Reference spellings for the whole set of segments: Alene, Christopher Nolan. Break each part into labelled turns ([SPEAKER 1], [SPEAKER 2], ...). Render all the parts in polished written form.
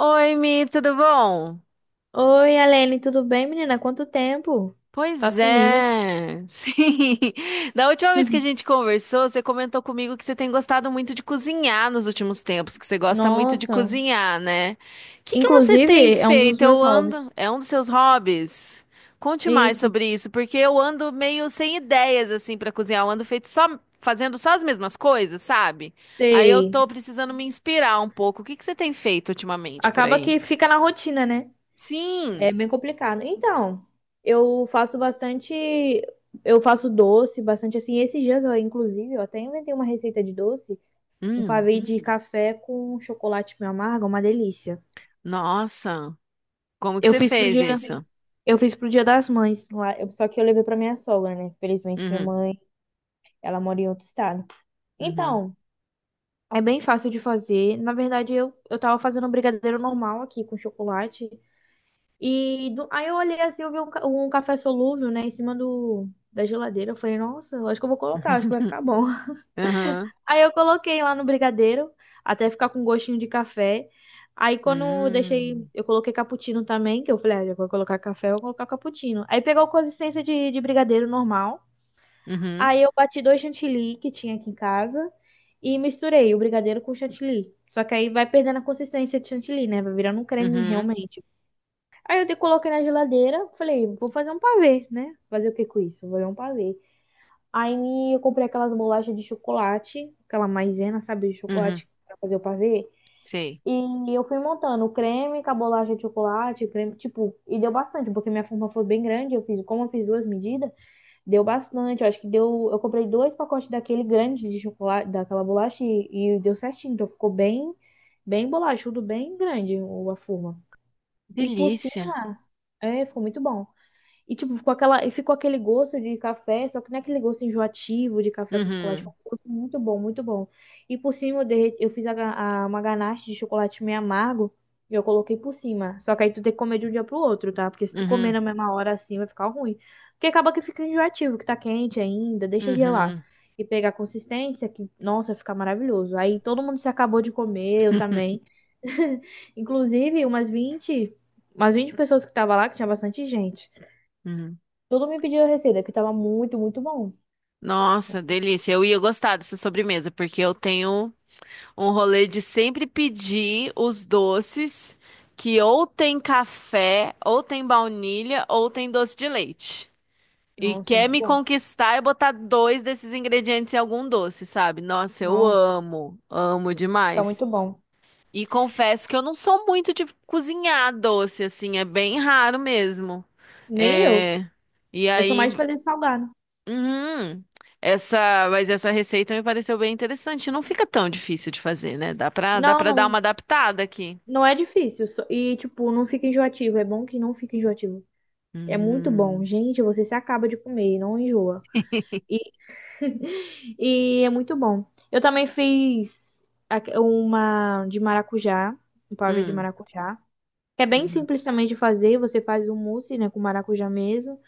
[SPEAKER 1] Oi, Mi, tudo bom?
[SPEAKER 2] Oi, Alene, tudo bem, menina? Quanto tempo? Tá
[SPEAKER 1] Pois
[SPEAKER 2] sumida.
[SPEAKER 1] é, sim. Da última vez que a gente conversou, você comentou comigo que você tem gostado muito de cozinhar nos últimos tempos, que você gosta muito de
[SPEAKER 2] Nossa.
[SPEAKER 1] cozinhar, né? O que que você
[SPEAKER 2] Inclusive,
[SPEAKER 1] tem
[SPEAKER 2] é um dos
[SPEAKER 1] feito?
[SPEAKER 2] meus hobbies.
[SPEAKER 1] É um dos seus hobbies? Conte mais
[SPEAKER 2] Isso,
[SPEAKER 1] sobre isso, porque eu ando meio sem ideias assim para cozinhar. Eu ando feito só fazendo só as mesmas coisas, sabe? Aí eu
[SPEAKER 2] sei.
[SPEAKER 1] tô precisando me inspirar um pouco. O que que você tem feito ultimamente por
[SPEAKER 2] Acaba
[SPEAKER 1] aí?
[SPEAKER 2] que fica na rotina, né? É
[SPEAKER 1] Sim.
[SPEAKER 2] bem complicado. Então, eu faço bastante. Eu faço doce, bastante assim. Esses dias, eu, inclusive, eu até inventei uma receita de doce, um
[SPEAKER 1] Hum.
[SPEAKER 2] pavê de café com chocolate meio amargo, é uma delícia.
[SPEAKER 1] Nossa, como que
[SPEAKER 2] Eu
[SPEAKER 1] você
[SPEAKER 2] fiz pro
[SPEAKER 1] fez
[SPEAKER 2] dia,
[SPEAKER 1] isso?
[SPEAKER 2] eu fiz pro Dia das Mães lá, só que eu levei pra minha sogra, né? Felizmente minha
[SPEAKER 1] Uhum,
[SPEAKER 2] mãe Ela mora em outro estado.
[SPEAKER 1] uhum,
[SPEAKER 2] Então, é bem fácil de fazer. Na verdade, eu tava fazendo um brigadeiro normal aqui com chocolate. Aí eu olhei assim, eu vi um café solúvel, né, em cima da geladeira. Eu falei, nossa, eu acho que eu vou colocar, acho que vai ficar bom.
[SPEAKER 1] uhum,
[SPEAKER 2] Aí eu coloquei lá no brigadeiro, até ficar com gostinho de café. Aí quando eu deixei,
[SPEAKER 1] uhum,
[SPEAKER 2] eu coloquei cappuccino também, que eu falei, ah, já vou colocar café, eu vou colocar cappuccino. Aí pegou consistência de brigadeiro normal.
[SPEAKER 1] uhum,
[SPEAKER 2] Aí eu bati dois chantilly que tinha aqui em casa e misturei o brigadeiro com o chantilly. Só que aí vai perdendo a consistência de chantilly, né? Vai virando um creme
[SPEAKER 1] uhum,
[SPEAKER 2] realmente. Aí eu coloquei na geladeira, falei, vou fazer um pavê, né? Fazer o que com isso? Vou fazer um pavê. Aí eu comprei aquelas bolachas de chocolate, aquela maisena, sabe, de
[SPEAKER 1] uhum,
[SPEAKER 2] chocolate pra fazer o pavê.
[SPEAKER 1] sei.
[SPEAKER 2] E eu fui montando o creme com a bolacha de chocolate, o creme, tipo, e deu bastante, porque minha forma foi bem grande, eu fiz, como eu fiz duas medidas, deu bastante, eu acho que deu. Eu comprei dois pacotes daquele grande de chocolate, daquela bolacha e deu certinho. Então ficou bem, bem bolachudo, bem grande a forma. E por
[SPEAKER 1] Delícia.
[SPEAKER 2] cima, é, ficou muito bom. E, tipo, ficou aquela, e ficou aquele gosto de café, só que não é aquele gosto enjoativo de café com chocolate. Foi
[SPEAKER 1] Uhum,
[SPEAKER 2] um gosto muito bom, muito bom. E por cima eu fiz uma ganache de chocolate meio amargo e eu coloquei por cima. Só que aí tu tem que comer de um dia pro outro, tá? Porque se tu comer
[SPEAKER 1] uhum,
[SPEAKER 2] na mesma hora assim, vai ficar ruim. Porque acaba que fica enjoativo, que tá quente ainda, deixa gelar.
[SPEAKER 1] uhum,
[SPEAKER 2] E pegar a consistência, que, nossa, fica maravilhoso. Aí todo mundo se acabou de comer, eu também. Inclusive, umas vinte pessoas que tava lá, que tinha bastante gente.
[SPEAKER 1] uhum.
[SPEAKER 2] Todo me pediu a receita, que tava muito, muito bom.
[SPEAKER 1] Nossa, delícia. Eu ia gostar dessa sobremesa, porque eu tenho um rolê de sempre pedir os doces que ou tem café, ou tem baunilha, ou tem doce de leite. E
[SPEAKER 2] Nossa, é
[SPEAKER 1] quer
[SPEAKER 2] muito
[SPEAKER 1] me
[SPEAKER 2] bom.
[SPEAKER 1] conquistar e botar dois desses ingredientes em algum doce, sabe? Nossa, eu
[SPEAKER 2] Nossa.
[SPEAKER 1] amo, amo
[SPEAKER 2] Fica
[SPEAKER 1] demais.
[SPEAKER 2] muito bom.
[SPEAKER 1] E confesso que eu não sou muito de cozinhar doce, assim, é bem raro mesmo.
[SPEAKER 2] Nem eu.
[SPEAKER 1] É... E
[SPEAKER 2] Eu sou
[SPEAKER 1] aí,
[SPEAKER 2] mais de fazer salgado.
[SPEAKER 1] uhum, essa receita me pareceu bem interessante. Não fica tão difícil de fazer, né? Dá pra, dá
[SPEAKER 2] Não,
[SPEAKER 1] pra dar
[SPEAKER 2] não.
[SPEAKER 1] uma adaptada aqui.
[SPEAKER 2] Não é difícil. E, tipo, não fica enjoativo. É bom que não fica enjoativo. É muito bom.
[SPEAKER 1] Uhum.
[SPEAKER 2] Gente, você se acaba de comer, não enjoa. E, e é muito bom. Eu também fiz uma de maracujá, um pavê de
[SPEAKER 1] Hum.
[SPEAKER 2] maracujá. Que é bem
[SPEAKER 1] Uhum.
[SPEAKER 2] simples também de fazer. Você faz um mousse, né, com maracujá mesmo.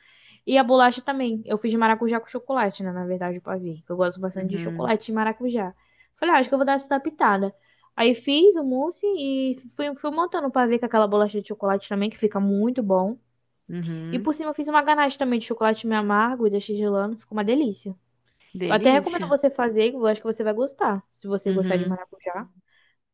[SPEAKER 2] E a bolacha também. Eu fiz de maracujá com chocolate, né? Na verdade, o pavê. Que eu gosto bastante de
[SPEAKER 1] Uhum.
[SPEAKER 2] chocolate e maracujá. Falei, ah, acho que eu vou dar essa pitada. Aí fiz o mousse e fui montando o pavê com aquela bolacha de chocolate também, que fica muito bom. E
[SPEAKER 1] Uhum.
[SPEAKER 2] por cima eu fiz uma ganache também de chocolate meio amargo e deixei gelando. Ficou uma delícia. Eu até recomendo
[SPEAKER 1] Delícia.
[SPEAKER 2] você fazer, que eu acho que você vai gostar. Se você gostar de
[SPEAKER 1] Uhum.
[SPEAKER 2] maracujá,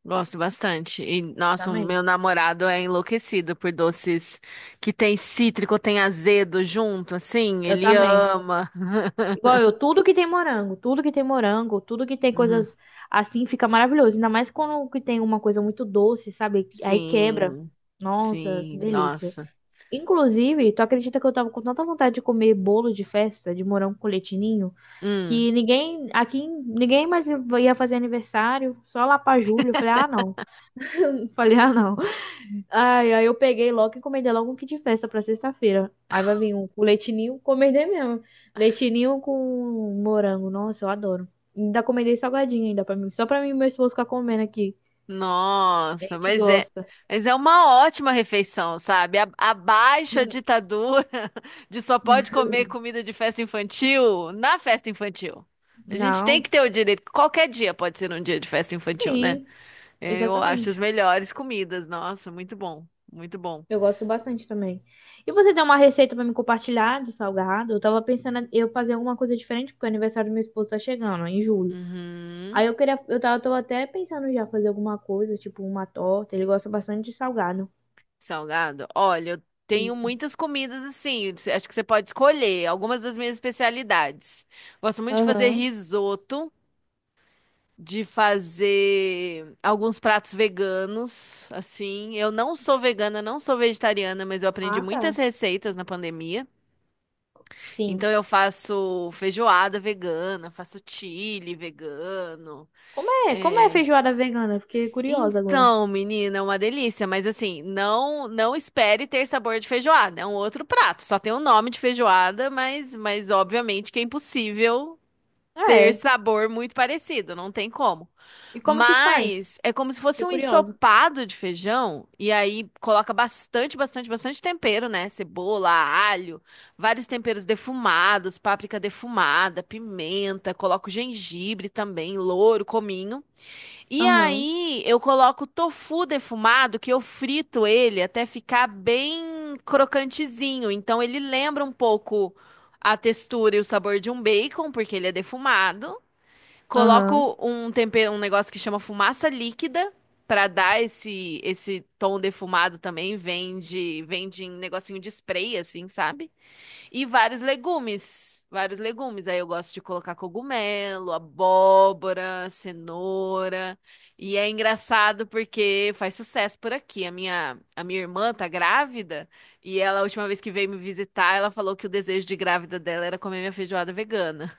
[SPEAKER 1] Gosto bastante. E, nossa, o
[SPEAKER 2] também.
[SPEAKER 1] meu namorado é enlouquecido por doces que tem cítrico, tem azedo junto, assim.
[SPEAKER 2] Eu
[SPEAKER 1] Ele
[SPEAKER 2] também.
[SPEAKER 1] ama.
[SPEAKER 2] Igual eu, tudo que tem morango, tudo que tem morango, tudo que tem
[SPEAKER 1] Uhum.
[SPEAKER 2] coisas assim fica maravilhoso. Ainda mais quando que tem uma coisa muito doce, sabe? Aí quebra.
[SPEAKER 1] Sim,
[SPEAKER 2] Nossa, que
[SPEAKER 1] sim,
[SPEAKER 2] delícia.
[SPEAKER 1] nossa.
[SPEAKER 2] Inclusive, tu acredita que eu tava com tanta vontade de comer bolo de festa de morango com leitinho,
[SPEAKER 1] Hum,
[SPEAKER 2] que ninguém aqui, ninguém mais ia fazer aniversário, só lá pra julho. Eu falei: "Ah, não". Falei: "Ah, não". Ai, aí eu peguei logo e encomendei logo um kit de festa pra sexta-feira. Aí vai vir um com leitinho, encomendei mesmo. Leitinho com morango. Nossa, eu adoro. Ainda encomendei salgadinho ainda pra mim, só pra mim e meu esposo ficar comendo aqui. A
[SPEAKER 1] nossa,
[SPEAKER 2] gente
[SPEAKER 1] mas é,
[SPEAKER 2] gosta.
[SPEAKER 1] mas é uma ótima refeição, sabe? Abaixa a ditadura de só pode comer comida de festa infantil na festa infantil. A gente tem
[SPEAKER 2] Não.
[SPEAKER 1] que ter o direito. Qualquer dia pode ser um dia de festa infantil, né?
[SPEAKER 2] Sim,
[SPEAKER 1] É, eu acho as
[SPEAKER 2] exatamente.
[SPEAKER 1] melhores comidas. Nossa, muito bom. Muito bom.
[SPEAKER 2] Eu gosto bastante também. E você tem uma receita pra me compartilhar de salgado? Eu tava pensando em eu fazer alguma coisa diferente, porque o aniversário do meu esposo tá chegando, ó, em julho.
[SPEAKER 1] Uhum.
[SPEAKER 2] Aí eu queria, eu tava, tô até pensando já fazer alguma coisa, tipo uma torta. Ele gosta bastante de salgado.
[SPEAKER 1] Salgado. Olha, eu tenho
[SPEAKER 2] Isso.
[SPEAKER 1] muitas comidas assim. Acho que você pode escolher algumas das minhas especialidades. Gosto muito de fazer
[SPEAKER 2] Aham.
[SPEAKER 1] risoto, de fazer alguns pratos veganos, assim. Eu não sou vegana, não sou vegetariana, mas eu aprendi
[SPEAKER 2] Ah,
[SPEAKER 1] muitas
[SPEAKER 2] tá.
[SPEAKER 1] receitas na pandemia.
[SPEAKER 2] Sim.
[SPEAKER 1] Então eu faço feijoada vegana, faço chili vegano.
[SPEAKER 2] Como é? Como é
[SPEAKER 1] é,
[SPEAKER 2] feijoada vegana? Fiquei curiosa agora.
[SPEAKER 1] Então, menina, é uma delícia, mas assim, não espere ter sabor de feijoada, é um outro prato, só tem o nome de feijoada, mas obviamente que é impossível
[SPEAKER 2] Ah,
[SPEAKER 1] ter
[SPEAKER 2] é.
[SPEAKER 1] sabor muito parecido, não tem como.
[SPEAKER 2] E como que faz?
[SPEAKER 1] Mas é como se fosse
[SPEAKER 2] Fiquei
[SPEAKER 1] um
[SPEAKER 2] curiosa.
[SPEAKER 1] ensopado de feijão e aí coloca bastante, bastante, bastante tempero, né? Cebola, alho, vários temperos defumados, páprica defumada, pimenta, coloca o gengibre também, louro, cominho. E
[SPEAKER 2] Aham.
[SPEAKER 1] aí eu coloco tofu defumado, que eu frito ele até ficar bem crocantezinho. Então ele lembra um pouco a textura e o sabor de um bacon, porque ele é defumado.
[SPEAKER 2] Aham.
[SPEAKER 1] Coloco um tempero, um negócio que chama fumaça líquida. Pra dar esse tom defumado também, vende, vende em negocinho de spray, assim, sabe? E vários legumes. Vários legumes. Aí eu gosto de colocar cogumelo, abóbora, cenoura. E é engraçado porque faz sucesso por aqui. A minha irmã tá grávida e ela, a última vez que veio me visitar, ela falou que o desejo de grávida dela era comer minha feijoada vegana.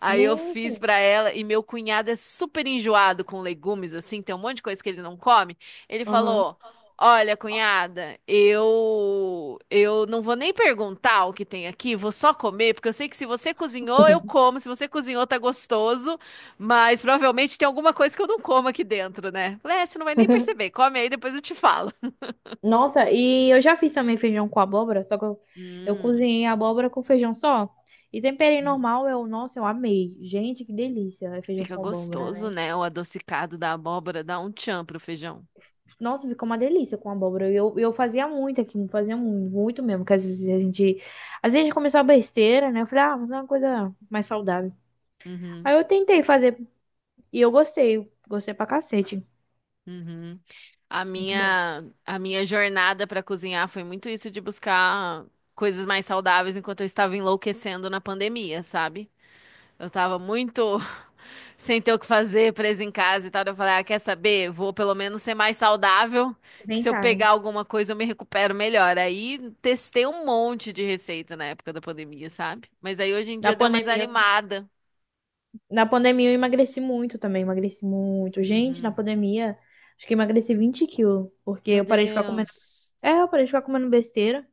[SPEAKER 1] Aí eu fiz
[SPEAKER 2] Gente.
[SPEAKER 1] pra ela e meu cunhado é super enjoado com legumes, assim, tem um monte de coisa que ele não come. Ele
[SPEAKER 2] Aham.
[SPEAKER 1] falou: "Olha, cunhada, eu não vou nem perguntar o que tem aqui, vou só comer, porque eu sei que se você cozinhou, eu como, se você cozinhou tá gostoso, mas provavelmente tem alguma coisa que eu não como aqui dentro, né?" Falei, é, você não vai nem perceber. Come aí, depois eu te falo.
[SPEAKER 2] Nossa, e eu já fiz também feijão com abóbora, só que eu
[SPEAKER 1] Hum,
[SPEAKER 2] cozinhei a abóbora com feijão só. E temperei
[SPEAKER 1] uhum.
[SPEAKER 2] normal, eu, nossa, eu amei. Gente, que delícia, é feijão
[SPEAKER 1] Fica
[SPEAKER 2] com abóbora,
[SPEAKER 1] gostoso,
[SPEAKER 2] né?
[SPEAKER 1] né? O adocicado da abóbora dá um tchan pro feijão.
[SPEAKER 2] Nossa, ficou uma delícia com abóbora. E eu fazia muito aqui, fazia muito, muito mesmo. Porque às vezes a gente. Às vezes a gente começou a besteira, né? Eu falei, ah, mas é uma coisa mais saudável.
[SPEAKER 1] Uhum,
[SPEAKER 2] Aí eu tentei fazer e eu gostei. Gostei pra cacete.
[SPEAKER 1] uhum. A
[SPEAKER 2] Muito bom.
[SPEAKER 1] minha, a minha jornada para cozinhar foi muito isso de buscar coisas mais saudáveis enquanto eu estava enlouquecendo na pandemia, sabe? Eu estava muito sem ter o que fazer, presa em casa e tal. Eu falei, ah, quer saber? Vou pelo menos ser mais saudável, que se eu
[SPEAKER 2] Tentar, né?
[SPEAKER 1] pegar alguma coisa eu me recupero melhor. Aí testei um monte de receita na época da pandemia, sabe? Mas aí hoje em
[SPEAKER 2] Na
[SPEAKER 1] dia deu uma
[SPEAKER 2] pandemia,
[SPEAKER 1] desanimada.
[SPEAKER 2] na pandemia, eu emagreci muito também. Emagreci muito. Gente, na
[SPEAKER 1] Uhum.
[SPEAKER 2] pandemia, acho que emagreci 20 quilos. Porque
[SPEAKER 1] Meu
[SPEAKER 2] eu parei de ficar comendo.
[SPEAKER 1] Deus.
[SPEAKER 2] É, eu parei de ficar comendo besteira.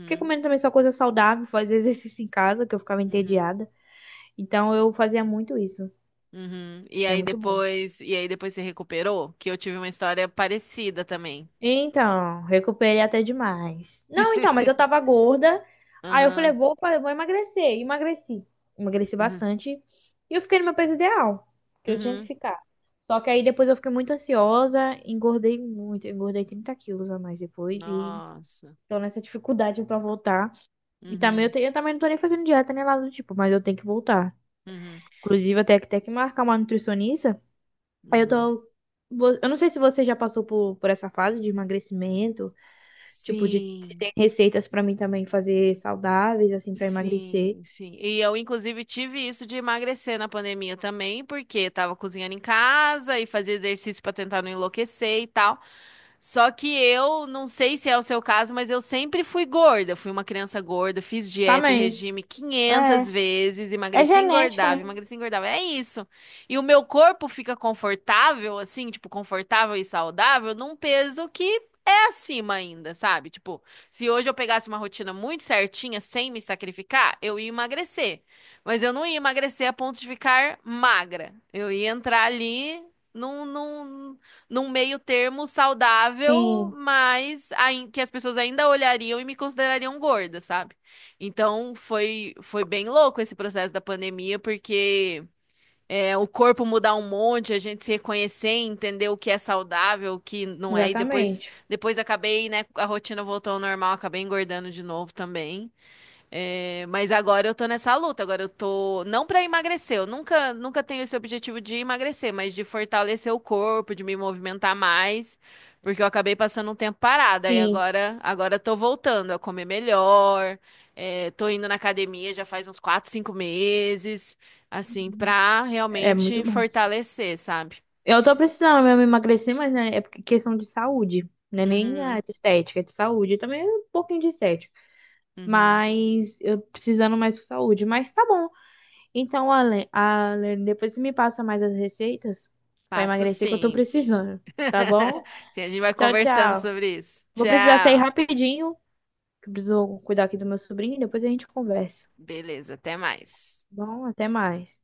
[SPEAKER 2] Fiquei comendo também só coisa saudável, fazer exercício em casa, que eu ficava
[SPEAKER 1] Uhum.
[SPEAKER 2] entediada. Então eu fazia muito isso.
[SPEAKER 1] Uhum. E
[SPEAKER 2] É
[SPEAKER 1] aí
[SPEAKER 2] muito bom.
[SPEAKER 1] depois, e aí depois se recuperou, que eu tive uma história parecida também.
[SPEAKER 2] Então, recuperei até demais. Não, então, mas eu tava gorda. Aí eu falei,
[SPEAKER 1] Aham.
[SPEAKER 2] vou emagrecer. E emagreci. Emagreci
[SPEAKER 1] Uhum.
[SPEAKER 2] bastante. E eu fiquei no meu peso ideal, que eu tinha que
[SPEAKER 1] Uhum.
[SPEAKER 2] ficar. Só que aí depois eu fiquei muito ansiosa, engordei muito, eu engordei 30 quilos a mais depois e
[SPEAKER 1] Nossa.
[SPEAKER 2] tô nessa dificuldade pra voltar. E também eu,
[SPEAKER 1] Uhum.
[SPEAKER 2] te- eu também não tô nem fazendo dieta nem nada do tipo, mas eu tenho que voltar.
[SPEAKER 1] Uhum.
[SPEAKER 2] Inclusive, até que ter que marcar uma nutricionista. Aí eu
[SPEAKER 1] Uhum.
[SPEAKER 2] tô. Eu não sei se você já passou por essa fase de emagrecimento. Tipo, de se
[SPEAKER 1] Sim,
[SPEAKER 2] tem receitas pra mim também fazer saudáveis, assim, pra emagrecer.
[SPEAKER 1] sim, sim. E eu, inclusive, tive isso de emagrecer na pandemia também, porque tava cozinhando em casa e fazia exercício pra tentar não enlouquecer e tal. Só que eu não sei se é o seu caso, mas eu sempre fui gorda. Fui uma criança gorda, fiz dieta e
[SPEAKER 2] Também.
[SPEAKER 1] regime
[SPEAKER 2] É.
[SPEAKER 1] 500 vezes,
[SPEAKER 2] É
[SPEAKER 1] emagreci,
[SPEAKER 2] genética,
[SPEAKER 1] engordava,
[SPEAKER 2] né?
[SPEAKER 1] emagreci, engordava. É isso. E o meu corpo fica confortável, assim, tipo, confortável e saudável, num peso que é acima ainda, sabe? Tipo, se hoje eu pegasse uma rotina muito certinha, sem me sacrificar, eu ia emagrecer. Mas eu não ia emagrecer a ponto de ficar magra. Eu ia entrar ali. Não, num meio termo saudável,
[SPEAKER 2] Sim,
[SPEAKER 1] que as pessoas ainda olhariam e me considerariam gorda, sabe? Então foi bem louco esse processo da pandemia, porque o corpo mudar um monte, a gente se reconhecer, entender o que é saudável, o que não é, e depois
[SPEAKER 2] exatamente.
[SPEAKER 1] acabei, né, a rotina voltou ao normal, acabei engordando de novo também. É, mas agora eu tô nessa luta, agora eu tô não pra emagrecer, eu nunca nunca tenho esse objetivo de emagrecer, mas de fortalecer o corpo, de me movimentar mais, porque eu acabei passando um tempo parada e
[SPEAKER 2] Sim,
[SPEAKER 1] agora eu tô voltando a comer melhor, tô indo na academia já faz uns 4, 5 meses, assim, pra
[SPEAKER 2] é
[SPEAKER 1] realmente
[SPEAKER 2] muito bom.
[SPEAKER 1] fortalecer, sabe?
[SPEAKER 2] Eu tô precisando mesmo emagrecer, mas né, é porque questão de saúde. Não é nem a
[SPEAKER 1] Uhum,
[SPEAKER 2] de estética, é de saúde. Também é um pouquinho de estética.
[SPEAKER 1] uhum.
[SPEAKER 2] Mas eu precisando mais por saúde. Mas tá bom. Então, Ale, Ale, depois você me passa mais as receitas pra
[SPEAKER 1] Passo
[SPEAKER 2] emagrecer que eu tô
[SPEAKER 1] sim.
[SPEAKER 2] precisando. Tá bom?
[SPEAKER 1] Sim, a gente vai
[SPEAKER 2] Tchau,
[SPEAKER 1] conversando
[SPEAKER 2] tchau.
[SPEAKER 1] sobre isso.
[SPEAKER 2] Vou precisar sair
[SPEAKER 1] Tchau.
[SPEAKER 2] rapidinho, que eu preciso cuidar aqui do meu sobrinho, depois a gente conversa. Tá
[SPEAKER 1] Beleza, até mais.
[SPEAKER 2] bom, até mais.